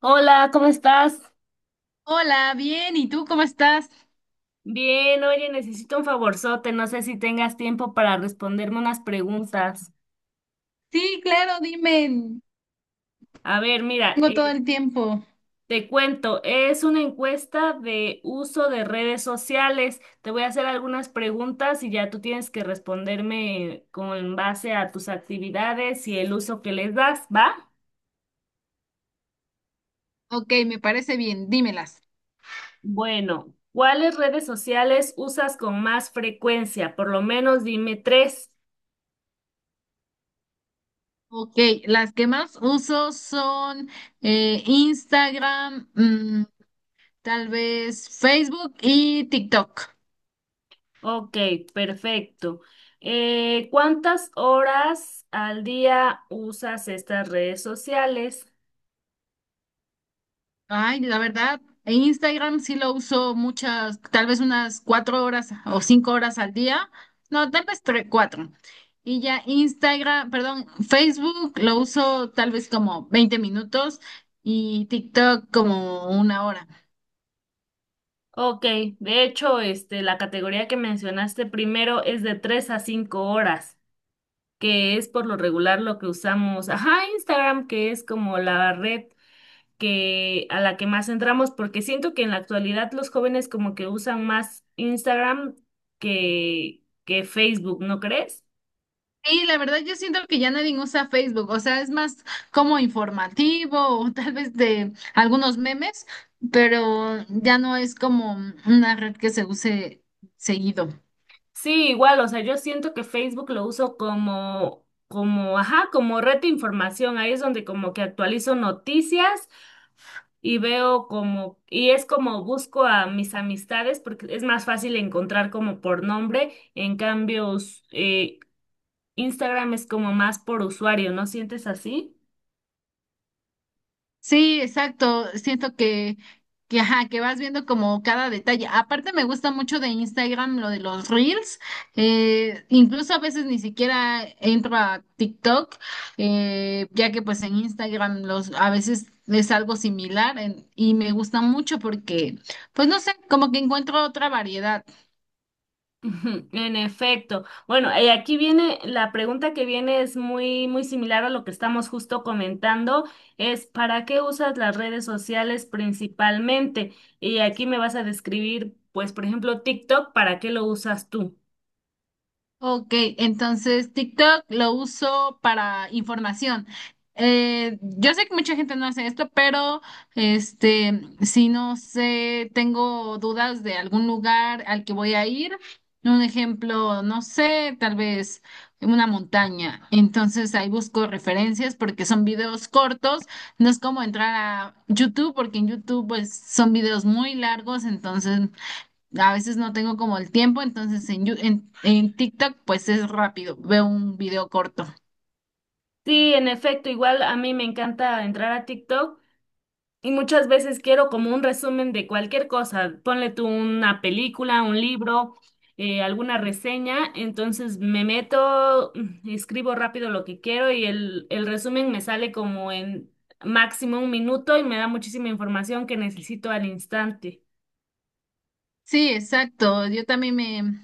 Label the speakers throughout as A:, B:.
A: Hola, ¿cómo estás?
B: Hola, bien, ¿y tú cómo estás?
A: Bien, oye, necesito un favorzote, no sé si tengas tiempo para responderme unas preguntas.
B: Sí, claro, dime.
A: A ver, mira,
B: Tengo todo el tiempo.
A: te cuento, es una encuesta de uso de redes sociales. Te voy a hacer algunas preguntas y ya tú tienes que responderme con base a tus actividades y el uso que les das, ¿va?
B: Ok, me parece bien, dímelas.
A: Bueno, ¿cuáles redes sociales usas con más frecuencia? Por lo menos dime tres.
B: Ok, las que más uso son Instagram, tal vez Facebook y TikTok.
A: Ok, perfecto. ¿Cuántas horas al día usas estas redes sociales?
B: Ay, la verdad, en Instagram sí lo uso muchas, tal vez unas 4 horas o 5 horas al día. No, tal vez tres, cuatro. Y ya Instagram, perdón, Facebook lo uso tal vez como 20 minutos y TikTok como 1 hora.
A: Ok, de hecho, este, la categoría que mencionaste primero es de 3 a 5 horas, que es por lo regular lo que usamos. Ajá, Instagram, que es como la red que, a la que más entramos, porque siento que en la actualidad los jóvenes como que usan más Instagram que Facebook, ¿no crees?
B: Y la verdad yo siento que ya nadie usa Facebook, o sea, es más como informativo o tal vez de algunos memes, pero ya no es como una red que se use seguido.
A: Sí, igual, o sea, yo siento que Facebook lo uso como, como, ajá, como red de información. Ahí es donde como que actualizo noticias y veo como, y es como busco a mis amistades porque es más fácil encontrar como por nombre. En cambio, Instagram es como más por usuario, ¿no sientes así?
B: Sí, exacto. Siento que, ajá, que vas viendo como cada detalle. Aparte me gusta mucho de Instagram lo de los reels. Incluso a veces ni siquiera entro a TikTok, ya que pues en Instagram los, a veces es algo similar y me gusta mucho porque, pues no sé, como que encuentro otra variedad.
A: Ujú, en efecto. Bueno, aquí viene, la pregunta que viene es muy, muy similar a lo que estamos justo comentando, es ¿para qué usas las redes sociales principalmente? Y aquí me vas a describir, pues, por ejemplo, TikTok, ¿para qué lo usas tú?
B: Ok, entonces TikTok lo uso para información. Yo sé que mucha gente no hace esto, pero este, si no sé, tengo dudas de algún lugar al que voy a ir. Un ejemplo, no sé, tal vez una montaña. Entonces ahí busco referencias porque son videos cortos. No es como entrar a YouTube porque en YouTube pues son videos muy largos, entonces a veces no tengo como el tiempo, entonces en TikTok pues es rápido, veo un video corto.
A: Sí, en efecto, igual a mí me encanta entrar a TikTok y muchas veces quiero como un resumen de cualquier cosa. Ponle tú una película, un libro, alguna reseña. Entonces me meto, escribo rápido lo que quiero y el resumen me sale como en máximo un minuto y me da muchísima información que necesito al instante.
B: Sí, exacto, yo también me,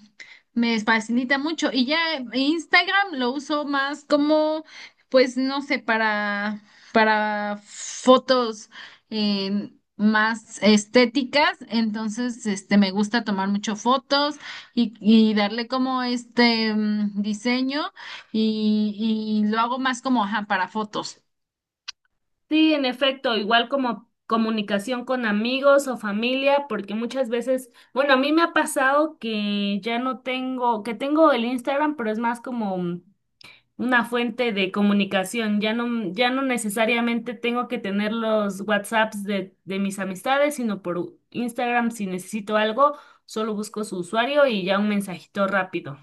B: me facilita mucho y ya Instagram lo uso más como pues no sé, para, fotos, eh, más estéticas, entonces este me gusta tomar mucho fotos y darle como este diseño y lo hago más como ajá, para fotos.
A: Sí, en efecto, igual como comunicación con amigos o familia, porque muchas veces, bueno, a mí me ha pasado que ya no tengo, que tengo el Instagram, pero es más como... mm, una fuente de comunicación. Ya no, ya no necesariamente tengo que tener los WhatsApps de mis amistades, sino por Instagram si necesito algo, solo busco su usuario y ya un mensajito rápido.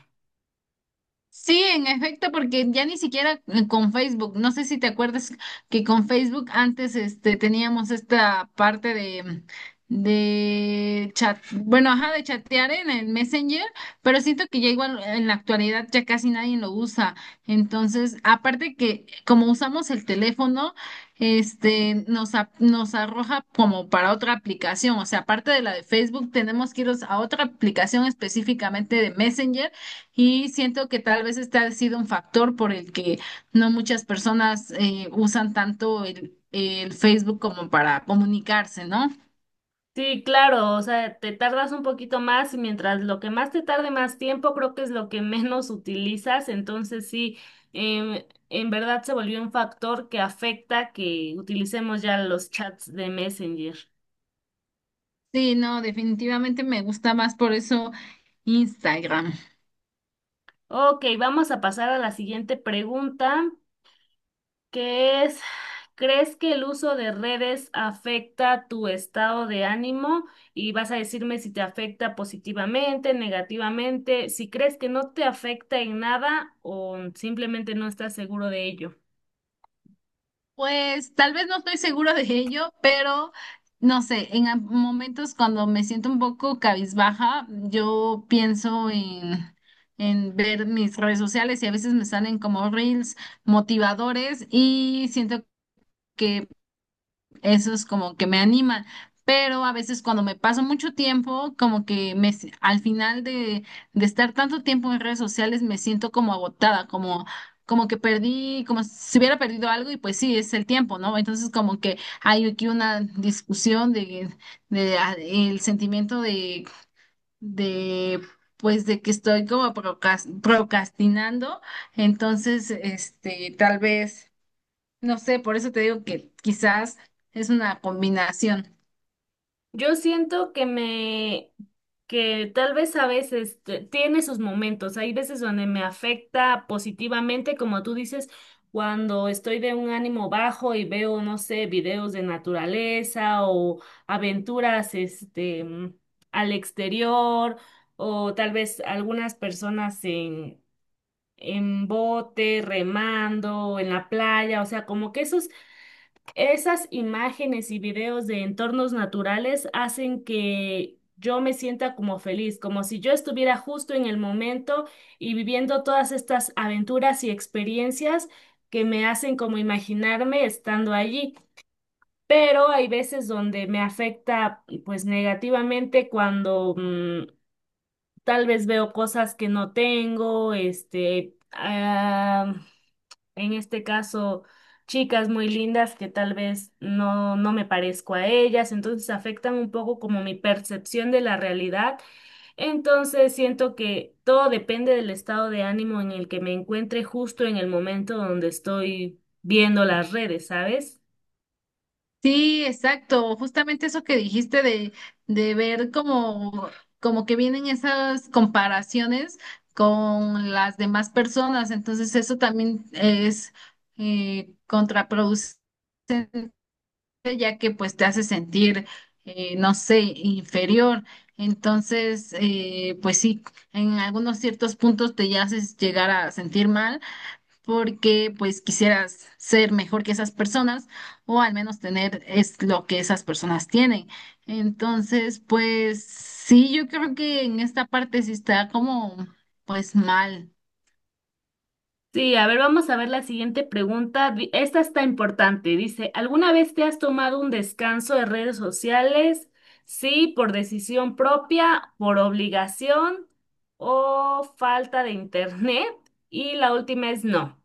B: Sí, en efecto, porque ya ni siquiera con Facebook, no sé si te acuerdas que con Facebook antes este teníamos esta parte de chat, bueno, ajá, de chatear en el Messenger, pero siento que ya igual en la actualidad ya casi nadie lo usa. Entonces, aparte que como usamos el teléfono, este nos arroja como para otra aplicación, o sea, aparte de la de Facebook, tenemos que ir a otra aplicación específicamente de Messenger y siento que tal vez este ha sido un factor por el que no muchas personas usan tanto el Facebook como para comunicarse, ¿no?
A: Sí, claro, o sea, te tardas un poquito más, mientras lo que más te tarde más tiempo, creo que es lo que menos utilizas, entonces sí, en verdad se volvió un factor que afecta que utilicemos ya los chats de Messenger.
B: Sí, no, definitivamente me gusta más por eso Instagram.
A: Ok, vamos a pasar a la siguiente pregunta. que es, ¿Crees que el uso de redes afecta tu estado de ánimo? Y vas a decirme si te afecta positivamente, negativamente, si crees que no te afecta en nada o simplemente no estás seguro de ello.
B: Pues tal vez no estoy segura de ello, pero no sé, en momentos cuando me siento un poco cabizbaja, yo pienso en ver mis redes sociales y a veces me salen como reels motivadores y siento que eso es como que me anima, pero a veces cuando me paso mucho tiempo, como que al final de estar tanto tiempo en redes sociales me siento como agotada, como, como que perdí, como si hubiera perdido algo y pues sí, es el tiempo, ¿no? Entonces como que hay aquí una discusión de el sentimiento de pues de que estoy como procrastinando, entonces este, tal vez no sé, por eso te digo que quizás es una combinación.
A: Yo siento que me, que tal vez a veces tiene sus momentos. Hay veces donde me afecta positivamente, como tú dices, cuando estoy de un ánimo bajo y veo, no sé, videos de naturaleza o aventuras, al exterior, o tal vez algunas personas en bote, remando, en la playa, o sea, como que esos, esas imágenes y videos de entornos naturales hacen que yo me sienta como feliz, como si yo estuviera justo en el momento y viviendo todas estas aventuras y experiencias que me hacen como imaginarme estando allí. Pero hay veces donde me afecta pues negativamente cuando tal vez veo cosas que no tengo, en este caso, chicas muy lindas que tal vez no me parezco a ellas, entonces afectan un poco como mi percepción de la realidad. Entonces siento que todo depende del estado de ánimo en el que me encuentre justo en el momento donde estoy viendo las redes, ¿sabes?
B: Sí, exacto. Justamente eso que dijiste de ver como que vienen esas comparaciones con las demás personas. Entonces eso también es contraproducente, ya que pues te hace sentir, no sé, inferior. Entonces, pues sí, en algunos ciertos puntos te haces llegar a sentir mal porque pues quisieras ser mejor que esas personas o al menos tener es lo que esas personas tienen. Entonces, pues sí, yo creo que en esta parte sí está como pues mal.
A: Sí, a ver, vamos a ver la siguiente pregunta. Esta está importante. Dice, ¿alguna vez te has tomado un descanso de redes sociales? Sí, por decisión propia, por obligación o falta de internet. Y la última es no,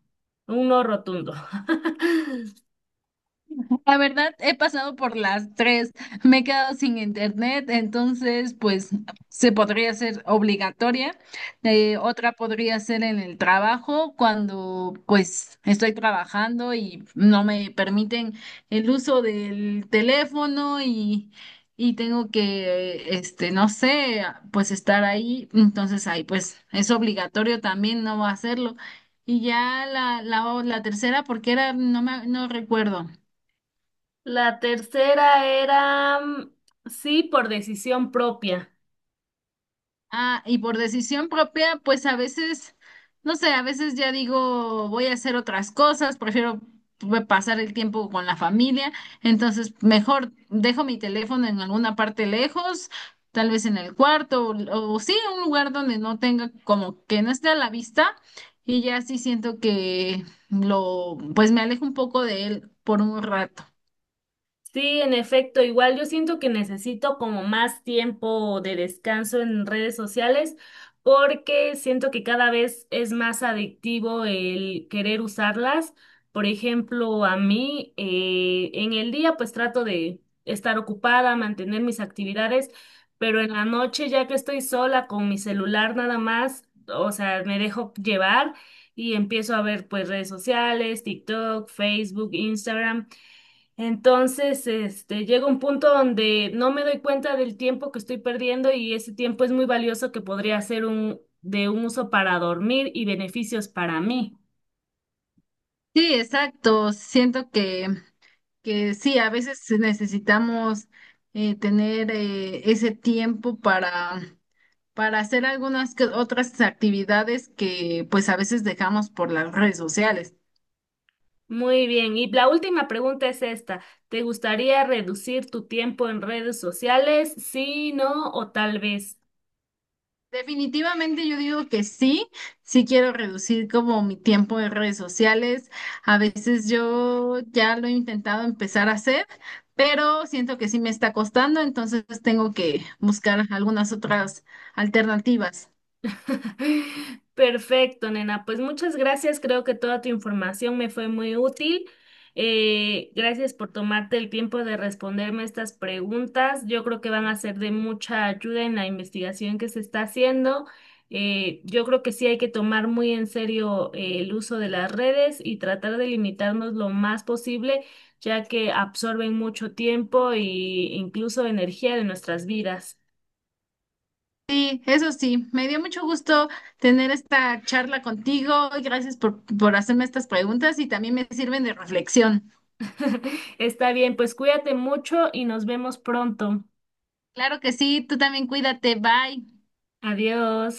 A: un no rotundo.
B: La verdad, he pasado por las tres. Me he quedado sin internet, entonces, pues, se podría ser obligatoria. Otra podría ser en el trabajo, cuando, pues, estoy trabajando y no me permiten el uso del teléfono y tengo que, este, no sé, pues, estar ahí. Entonces, ahí, pues, es obligatorio también no hacerlo. Y ya la tercera, porque era, no recuerdo.
A: La tercera era sí, por decisión propia.
B: Ah, y por decisión propia, pues a veces, no sé, a veces ya digo, voy a hacer otras cosas, prefiero pasar el tiempo con la familia, entonces mejor dejo mi teléfono en alguna parte lejos, tal vez en el cuarto, o sí, en un lugar donde no tenga, como que no esté a la vista, y ya sí siento que lo, pues me alejo un poco de él por un rato.
A: Sí, en efecto, igual yo siento que necesito como más tiempo de descanso en redes sociales porque siento que cada vez es más adictivo el querer usarlas. Por ejemplo, a mí en el día pues trato de estar ocupada, mantener mis actividades, pero en la noche ya que estoy sola con mi celular nada más, o sea, me dejo llevar y empiezo a ver pues redes sociales, TikTok, Facebook, Instagram. Entonces, este, llega un punto donde no me doy cuenta del tiempo que estoy perdiendo y ese tiempo es muy valioso que podría ser un, de un uso para dormir y beneficios para mí.
B: Sí, exacto, siento que sí, a veces necesitamos tener ese tiempo para hacer algunas que otras actividades que pues a veces dejamos por las redes sociales.
A: Muy bien, y la última pregunta es esta. ¿Te gustaría reducir tu tiempo en redes sociales? Sí, no, o tal vez.
B: Definitivamente yo digo que sí, sí quiero reducir como mi tiempo en redes sociales. A veces yo ya lo he intentado empezar a hacer, pero siento que sí me está costando, entonces tengo que buscar algunas otras alternativas.
A: Perfecto, nena. Pues muchas gracias. Creo que toda tu información me fue muy útil. Gracias por tomarte el tiempo de responderme estas preguntas. Yo creo que van a ser de mucha ayuda en la investigación que se está haciendo. Yo creo que sí hay que tomar muy en serio el uso de las redes y tratar de limitarnos lo más posible, ya que absorben mucho tiempo e incluso energía de nuestras vidas.
B: Sí, eso sí, me dio mucho gusto tener esta charla contigo y gracias por hacerme estas preguntas y también me sirven de reflexión.
A: Está bien, pues cuídate mucho y nos vemos pronto.
B: Claro que sí, tú también cuídate, bye.
A: Adiós.